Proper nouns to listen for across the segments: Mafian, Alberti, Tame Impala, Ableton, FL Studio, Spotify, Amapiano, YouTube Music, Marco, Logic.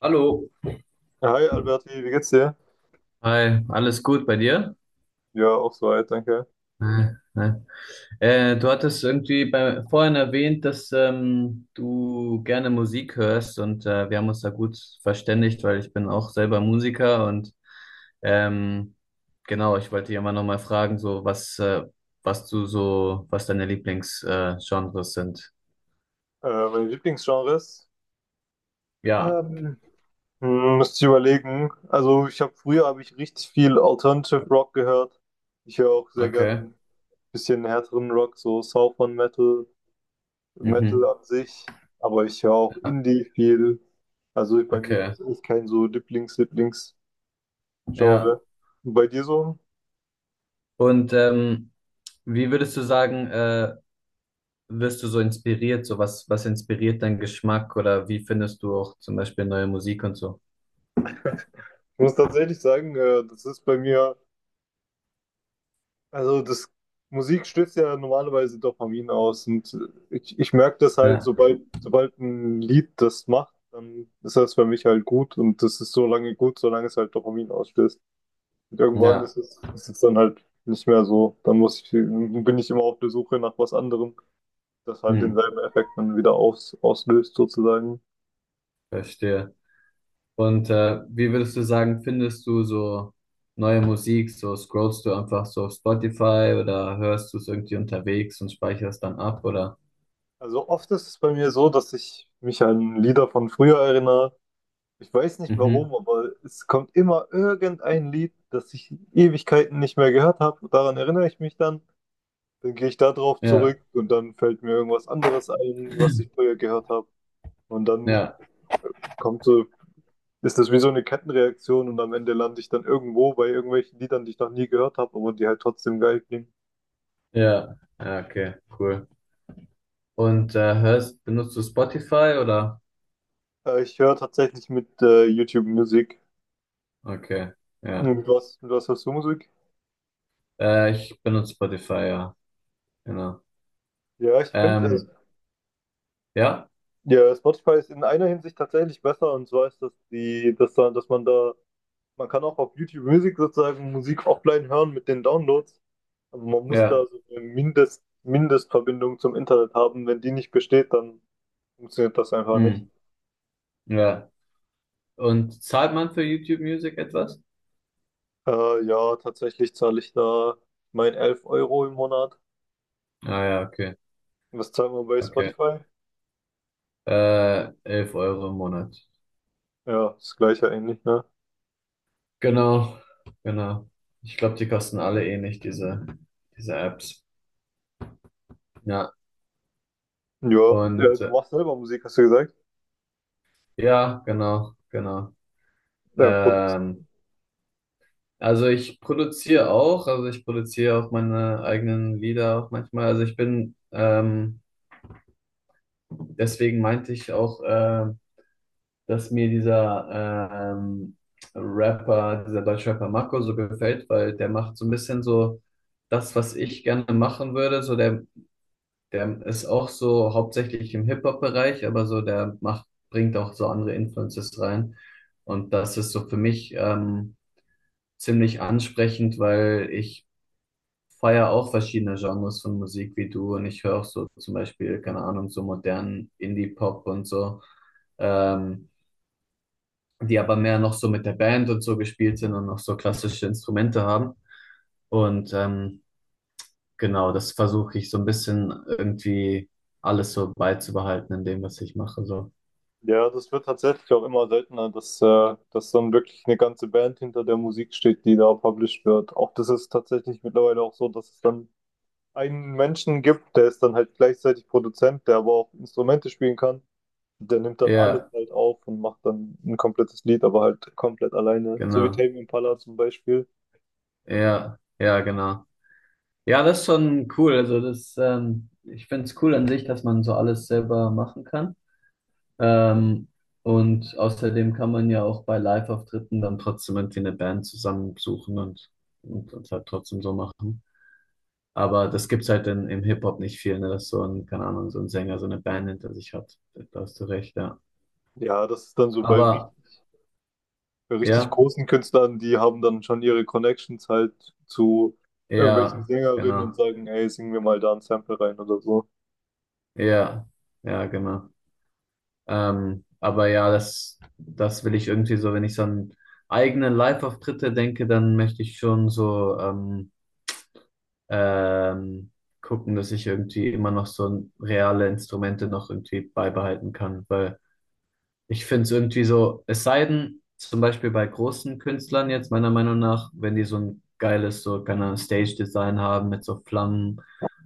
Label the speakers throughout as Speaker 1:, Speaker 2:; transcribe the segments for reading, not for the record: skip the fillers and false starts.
Speaker 1: Hallo.
Speaker 2: Hi Alberti, wie geht's dir?
Speaker 1: Hi, alles gut bei dir?
Speaker 2: Ja, auch soweit, danke.
Speaker 1: Äh, äh. Du hattest irgendwie vorhin erwähnt, dass du gerne Musik hörst und wir haben uns da gut verständigt, weil ich bin auch selber Musiker und ähm, genau, ich wollte dich immer noch mal fragen, so was, was du so, was deine Lieblingsgenres Genres sind.
Speaker 2: Meine Lieblingsgenres?
Speaker 1: Ja,
Speaker 2: Ähm, Müsste ich überlegen. Also ich habe früher habe ich richtig viel Alternative Rock gehört. Ich höre auch sehr gern
Speaker 1: okay.
Speaker 2: ein bisschen härteren Rock, so Southern Metal, Metal
Speaker 1: Mhm.
Speaker 2: an sich. Aber ich höre auch Indie viel. Also bei mir gibt
Speaker 1: Okay,
Speaker 2: es echt kein so Lieblings-Lieblings-Genre.
Speaker 1: ja.
Speaker 2: Und bei dir so?
Speaker 1: Und wie würdest du sagen, wirst du so inspiriert? So was, was inspiriert deinen Geschmack oder wie findest du auch zum Beispiel neue Musik und so?
Speaker 2: Ich muss tatsächlich sagen, das ist bei mir. Also das Musik stößt ja normalerweise Dopamin aus und ich merke das halt,
Speaker 1: Ja,
Speaker 2: sobald ein Lied das macht, dann ist das für mich halt gut und das ist so lange gut, solange es halt Dopamin ausstößt. Und irgendwann
Speaker 1: ja,
Speaker 2: ist es dann halt nicht mehr so. Dann bin ich immer auf der Suche nach was anderem, das halt
Speaker 1: hm,
Speaker 2: denselben Effekt dann wieder auslöst sozusagen.
Speaker 1: verstehe. Und wie würdest du sagen, findest du so neue Musik? So scrollst du einfach so auf Spotify oder hörst du es irgendwie unterwegs und speicherst dann ab oder?
Speaker 2: Also oft ist es bei mir so, dass ich mich an Lieder von früher erinnere. Ich weiß nicht
Speaker 1: Mhm.
Speaker 2: warum, aber es kommt immer irgendein Lied, das ich Ewigkeiten nicht mehr gehört habe. Daran erinnere ich mich dann. Dann gehe ich da drauf
Speaker 1: Ja,
Speaker 2: zurück und dann fällt mir irgendwas anderes ein, was ich früher gehört habe. Und dann
Speaker 1: ja,
Speaker 2: kommt so, ist das wie so eine Kettenreaktion und am Ende lande ich dann irgendwo bei irgendwelchen Liedern, die ich noch nie gehört habe, aber die halt trotzdem geil klingen.
Speaker 1: ja, okay, cool. Und benutzt du Spotify oder?
Speaker 2: Ich höre tatsächlich mit YouTube Musik.
Speaker 1: Okay, ja.
Speaker 2: Und was, was hörst du Musik?
Speaker 1: Ich benutze Spotify, ja, genau.
Speaker 2: Ja, ich finde,
Speaker 1: Ähm, ja.
Speaker 2: Ja, Spotify ist in einer Hinsicht tatsächlich besser, und zwar ist, das die, dass da, dass man da, man kann auch auf YouTube Music sozusagen Musik offline hören mit den Downloads, aber man muss da
Speaker 1: Ja,
Speaker 2: so eine Mindestverbindung zum Internet haben. Wenn die nicht besteht, dann funktioniert das einfach nicht.
Speaker 1: hm, ja. Und zahlt man für YouTube Music etwas?
Speaker 2: Ja, tatsächlich zahle ich da mein 11 Euro im Monat.
Speaker 1: Ah ja, okay,
Speaker 2: Was zahlen wir bei
Speaker 1: okay.
Speaker 2: Spotify?
Speaker 1: 11 Euro im Monat.
Speaker 2: Ja, das gleiche eigentlich, ne?
Speaker 1: Genau, genau. Ich glaube, die kosten alle ähnlich, diese Apps. Ja,
Speaker 2: Ja,
Speaker 1: und
Speaker 2: du machst selber Musik, hast du gesagt?
Speaker 1: ja, genau, genau.
Speaker 2: Ja, produ
Speaker 1: Ähm, also ich produziere auch, also ich produziere auch meine eigenen Lieder auch manchmal. Deswegen meinte ich auch, dass mir dieser ähm, Rapper, dieser deutsche Rapper Marco so gefällt, weil der macht so ein bisschen so das, was ich gerne machen würde. Der ist auch so hauptsächlich im Hip-Hop-Bereich, aber so der macht, bringt auch so andere Influences rein. Und das ist so für mich ziemlich ansprechend, weil ich feiere auch verschiedene Genres von Musik wie du, und ich höre auch so zum Beispiel, keine Ahnung, so modernen Indie-Pop und so. Ähm, Die aber mehr noch so mit der Band und so gespielt sind und noch so klassische Instrumente haben. Und genau, das versuche ich so ein bisschen irgendwie alles so beizubehalten in dem, was ich mache. So.
Speaker 2: Ja, das wird tatsächlich auch immer seltener, dass dann wirklich eine ganze Band hinter der Musik steht, die da published wird. Auch das ist tatsächlich mittlerweile auch so, dass es dann einen Menschen gibt, der ist dann halt gleichzeitig Produzent, der aber auch Instrumente spielen kann. Der nimmt dann alles
Speaker 1: Ja,
Speaker 2: halt auf und macht dann ein komplettes Lied, aber halt komplett alleine. So wie
Speaker 1: genau.
Speaker 2: Tame Impala zum Beispiel.
Speaker 1: Ja, ja, genau. Ja, das ist schon cool. Also das, ich finde es cool an sich, dass man so alles selber machen kann. Ähm, und außerdem kann man ja auch bei Live-Auftritten dann trotzdem irgendwie eine Band zusammensuchen und halt trotzdem so machen. Aber das gibt's halt im Hip-Hop nicht viel, ne? Dass so ein, keine Ahnung, so ein Sänger so eine Band hinter sich hat. Da hast du recht, ja.
Speaker 2: Ja, das ist dann so
Speaker 1: Aber
Speaker 2: bei richtig
Speaker 1: ja,
Speaker 2: großen Künstlern, die haben dann schon ihre Connections halt zu irgendwelchen
Speaker 1: ja,
Speaker 2: Sängerinnen und
Speaker 1: genau.
Speaker 2: sagen, ey, sing mir mal da ein Sample rein oder so.
Speaker 1: Ja, ja, genau. Aber ja, das, das will ich irgendwie so, wenn ich so an eigene Live-Auftritte denke, dann möchte ich schon so ähm, gucken, dass ich irgendwie immer noch so reale Instrumente noch irgendwie beibehalten kann, weil ich finde es irgendwie so, es sei denn, zum Beispiel bei großen Künstlern jetzt, meiner Meinung nach, wenn die so ein geiles, so, keine Ahnung, Stage-Design haben mit so Flammen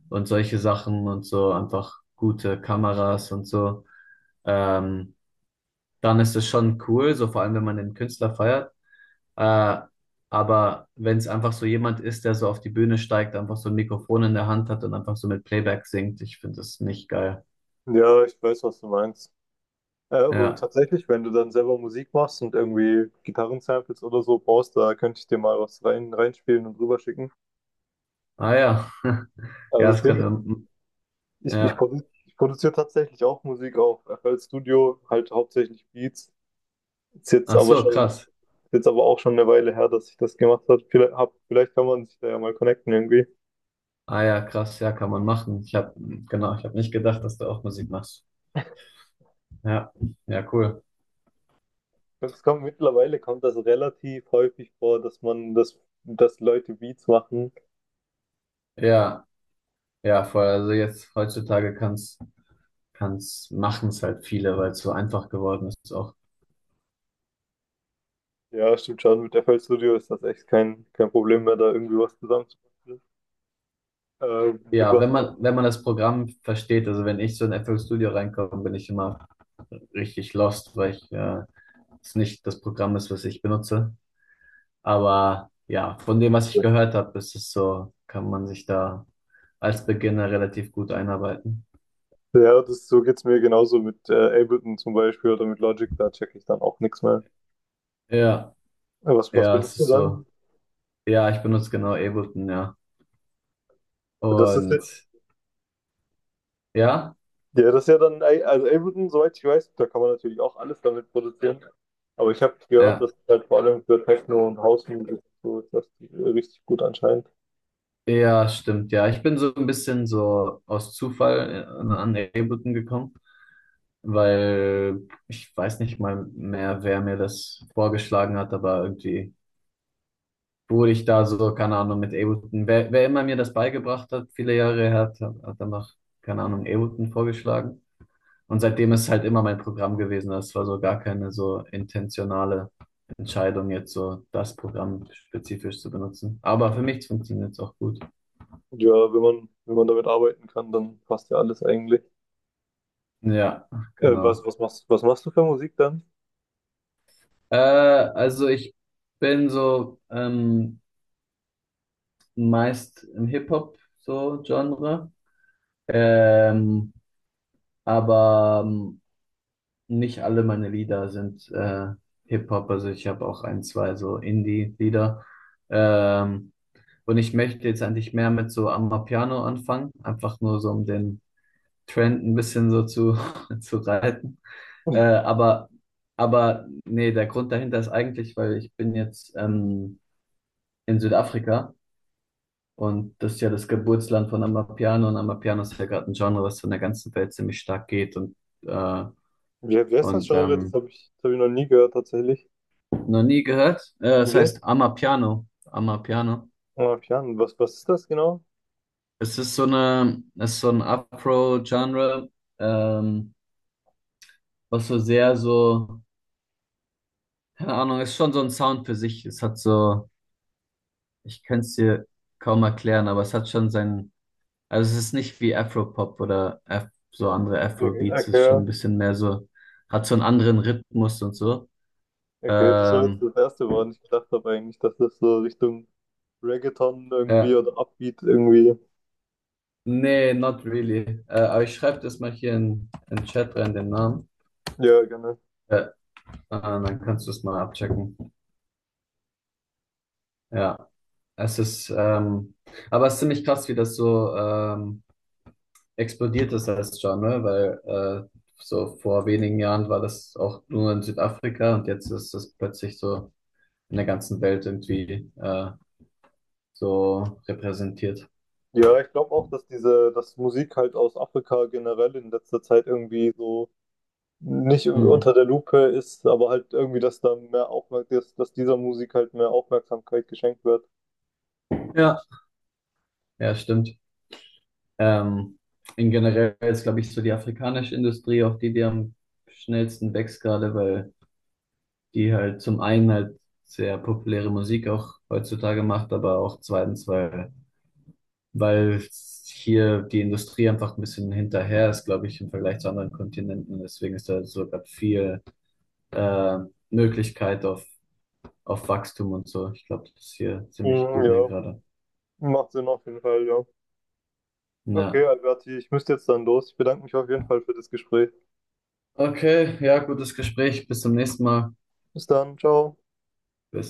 Speaker 1: und solche Sachen und so, einfach gute Kameras und so, ähm, dann ist es schon cool, so vor allem, wenn man den Künstler feiert. Äh, aber wenn es einfach so jemand ist, der so auf die Bühne steigt, einfach so ein Mikrofon in der Hand hat und einfach so mit Playback singt, ich finde das nicht geil.
Speaker 2: Ja, ich weiß, was du meinst. Ja, aber
Speaker 1: Ja.
Speaker 2: tatsächlich, wenn du dann selber Musik machst und irgendwie Gitarrensamples oder so brauchst, da könnte ich dir mal was reinspielen und rüberschicken.
Speaker 1: Ah ja.
Speaker 2: Also
Speaker 1: Ja,
Speaker 2: das
Speaker 1: das
Speaker 2: Ding,
Speaker 1: können wir.
Speaker 2: ich, ich,
Speaker 1: Ja.
Speaker 2: produ ich produziere tatsächlich auch Musik auf FL Studio, halt hauptsächlich Beats.
Speaker 1: Ach so, krass.
Speaker 2: Ist jetzt aber auch schon eine Weile her, dass ich das gemacht habe. Vielleicht kann man sich da ja mal connecten irgendwie.
Speaker 1: Ah ja, krass, ja, kann man machen. Ich habe, genau, ich habe nicht gedacht, dass du auch Musik machst. Ja, ja, cool.
Speaker 2: Es kommt mittlerweile kommt das relativ häufig vor, dass Leute Beats machen.
Speaker 1: Ja, ja, voll. Also jetzt heutzutage machen's halt viele, weil es so einfach geworden ist auch.
Speaker 2: Ja, stimmt schon. Mit FL Studio ist das echt kein Problem mehr, da irgendwie was zusammenzubasteln. Mit
Speaker 1: Ja,
Speaker 2: was auch.
Speaker 1: wenn man das Programm versteht, also wenn ich so in FL Studio reinkomme, bin ich immer richtig lost, weil ich es nicht das Programm ist, was ich benutze. Aber ja, von dem, was ich gehört habe, ist es so, kann man sich da als Beginner relativ gut einarbeiten.
Speaker 2: Ja, das, so geht's mir genauso mit Ableton zum Beispiel oder mit Logic, da checke ich dann auch nichts mehr.
Speaker 1: Ja.
Speaker 2: Was, was
Speaker 1: Ja, es
Speaker 2: benutzt du
Speaker 1: ist
Speaker 2: dann?
Speaker 1: so. Ja, ich benutze genau Ableton, ja.
Speaker 2: Das ist, ja,
Speaker 1: Und ja,
Speaker 2: ja, das ist ja dann, also Ableton, soweit ich weiß, da kann man natürlich auch alles damit produzieren. Aber ich habe gehört,
Speaker 1: ja,
Speaker 2: dass halt vor allem für Techno und Housemusik so ist das richtig gut anscheinend.
Speaker 1: ja, stimmt, ja. Ich bin so ein bisschen so aus Zufall an Ableton gekommen, weil ich weiß nicht mal mehr, wer mir das vorgeschlagen hat, aber irgendwie wurde ich da so, keine Ahnung, mit Ableton. Wer immer mir das beigebracht hat, viele Jahre her, hat danach, keine Ahnung, Ableton vorgeschlagen. Und seitdem ist halt immer mein Programm gewesen. Das war so gar keine so intentionale Entscheidung, jetzt so das Programm spezifisch zu benutzen. Aber für mich funktioniert es auch gut.
Speaker 2: Und ja, wenn man damit arbeiten kann, dann passt ja alles eigentlich.
Speaker 1: Ja, genau.
Speaker 2: Was machst du für Musik dann?
Speaker 1: Also ich bin so meist im Hip-Hop so Genre. Ähm, aber nicht alle meine Lieder sind Hip-Hop. Also ich habe auch ein, zwei so Indie-Lieder. Ähm, Und ich möchte jetzt eigentlich mehr mit so Amapiano anfangen, einfach nur so um den Trend ein bisschen so zu, zu reiten. Äh, aber, aber nee, der Grund dahinter ist eigentlich, weil ich bin jetzt in Südafrika und das ist ja das Geburtsland von Amapiano, und Amapiano ist ja gerade ein Genre, was so in der ganzen Welt ziemlich stark geht. Äh,
Speaker 2: Wie heißt das
Speaker 1: und
Speaker 2: Genre?
Speaker 1: ähm,
Speaker 2: Das hab ich noch nie gehört, tatsächlich.
Speaker 1: Noch nie gehört. Das
Speaker 2: Wie heißt
Speaker 1: heißt Amapiano. Amapiano.
Speaker 2: Mafian? Was ist das genau?
Speaker 1: Es ist so eine, es ist so ein Afro-Genre. Ähm, Was so sehr so, keine Ahnung, ist schon so ein Sound für sich. Es hat so, ich könnte es dir kaum erklären, aber es hat schon seinen, also es ist nicht wie Afropop oder Af so andere
Speaker 2: Okay,
Speaker 1: Afrobeats, es ist schon
Speaker 2: okay,
Speaker 1: ein bisschen mehr so, hat so einen anderen Rhythmus und so.
Speaker 2: okay, das war jetzt
Speaker 1: Ähm,
Speaker 2: das Erste, woran ich gedacht habe eigentlich, dass das so Richtung Reggaeton irgendwie
Speaker 1: ja,
Speaker 2: oder Upbeat irgendwie.
Speaker 1: nee, not really. Aber ich schreibe das mal hier in den Chat rein, den Namen.
Speaker 2: Ja, gerne.
Speaker 1: Äh, ah, dann kannst du es mal abchecken. Ja, es ist, aber es ist ziemlich krass, wie das so, explodiert das jetzt schon, ne? Weil äh, so vor wenigen Jahren war das auch nur in Südafrika und jetzt ist das plötzlich so in der ganzen Welt irgendwie so repräsentiert.
Speaker 2: Ja, ich glaube auch, dass dass Musik halt aus Afrika generell in letzter Zeit irgendwie so nicht
Speaker 1: Hm.
Speaker 2: unter der Lupe ist, aber halt irgendwie, dass da mehr Aufmerksamkeit, dass dieser Musik halt mehr Aufmerksamkeit geschenkt wird.
Speaker 1: Ja, ja, stimmt. Ähm, in generell ist, glaube ich, so die afrikanische Industrie auch die, die am schnellsten wächst gerade, weil die halt zum einen halt sehr populäre Musik auch heutzutage macht, aber auch zweitens, weil hier die Industrie einfach ein bisschen hinterher ist, glaube ich, im Vergleich zu anderen Kontinenten. Deswegen ist da so grad viel äh, Möglichkeit auf Wachstum und so. Ich glaube, das ist hier ziemlich
Speaker 2: Mhm,
Speaker 1: booming
Speaker 2: ja,
Speaker 1: gerade.
Speaker 2: macht Sinn auf jeden Fall, ja. Okay,
Speaker 1: Ja.
Speaker 2: Alberti, ich müsste jetzt dann los. Ich bedanke mich auf jeden Fall für das Gespräch.
Speaker 1: Okay, ja, gutes Gespräch. Bis zum nächsten Mal.
Speaker 2: Bis dann, ciao.
Speaker 1: Bis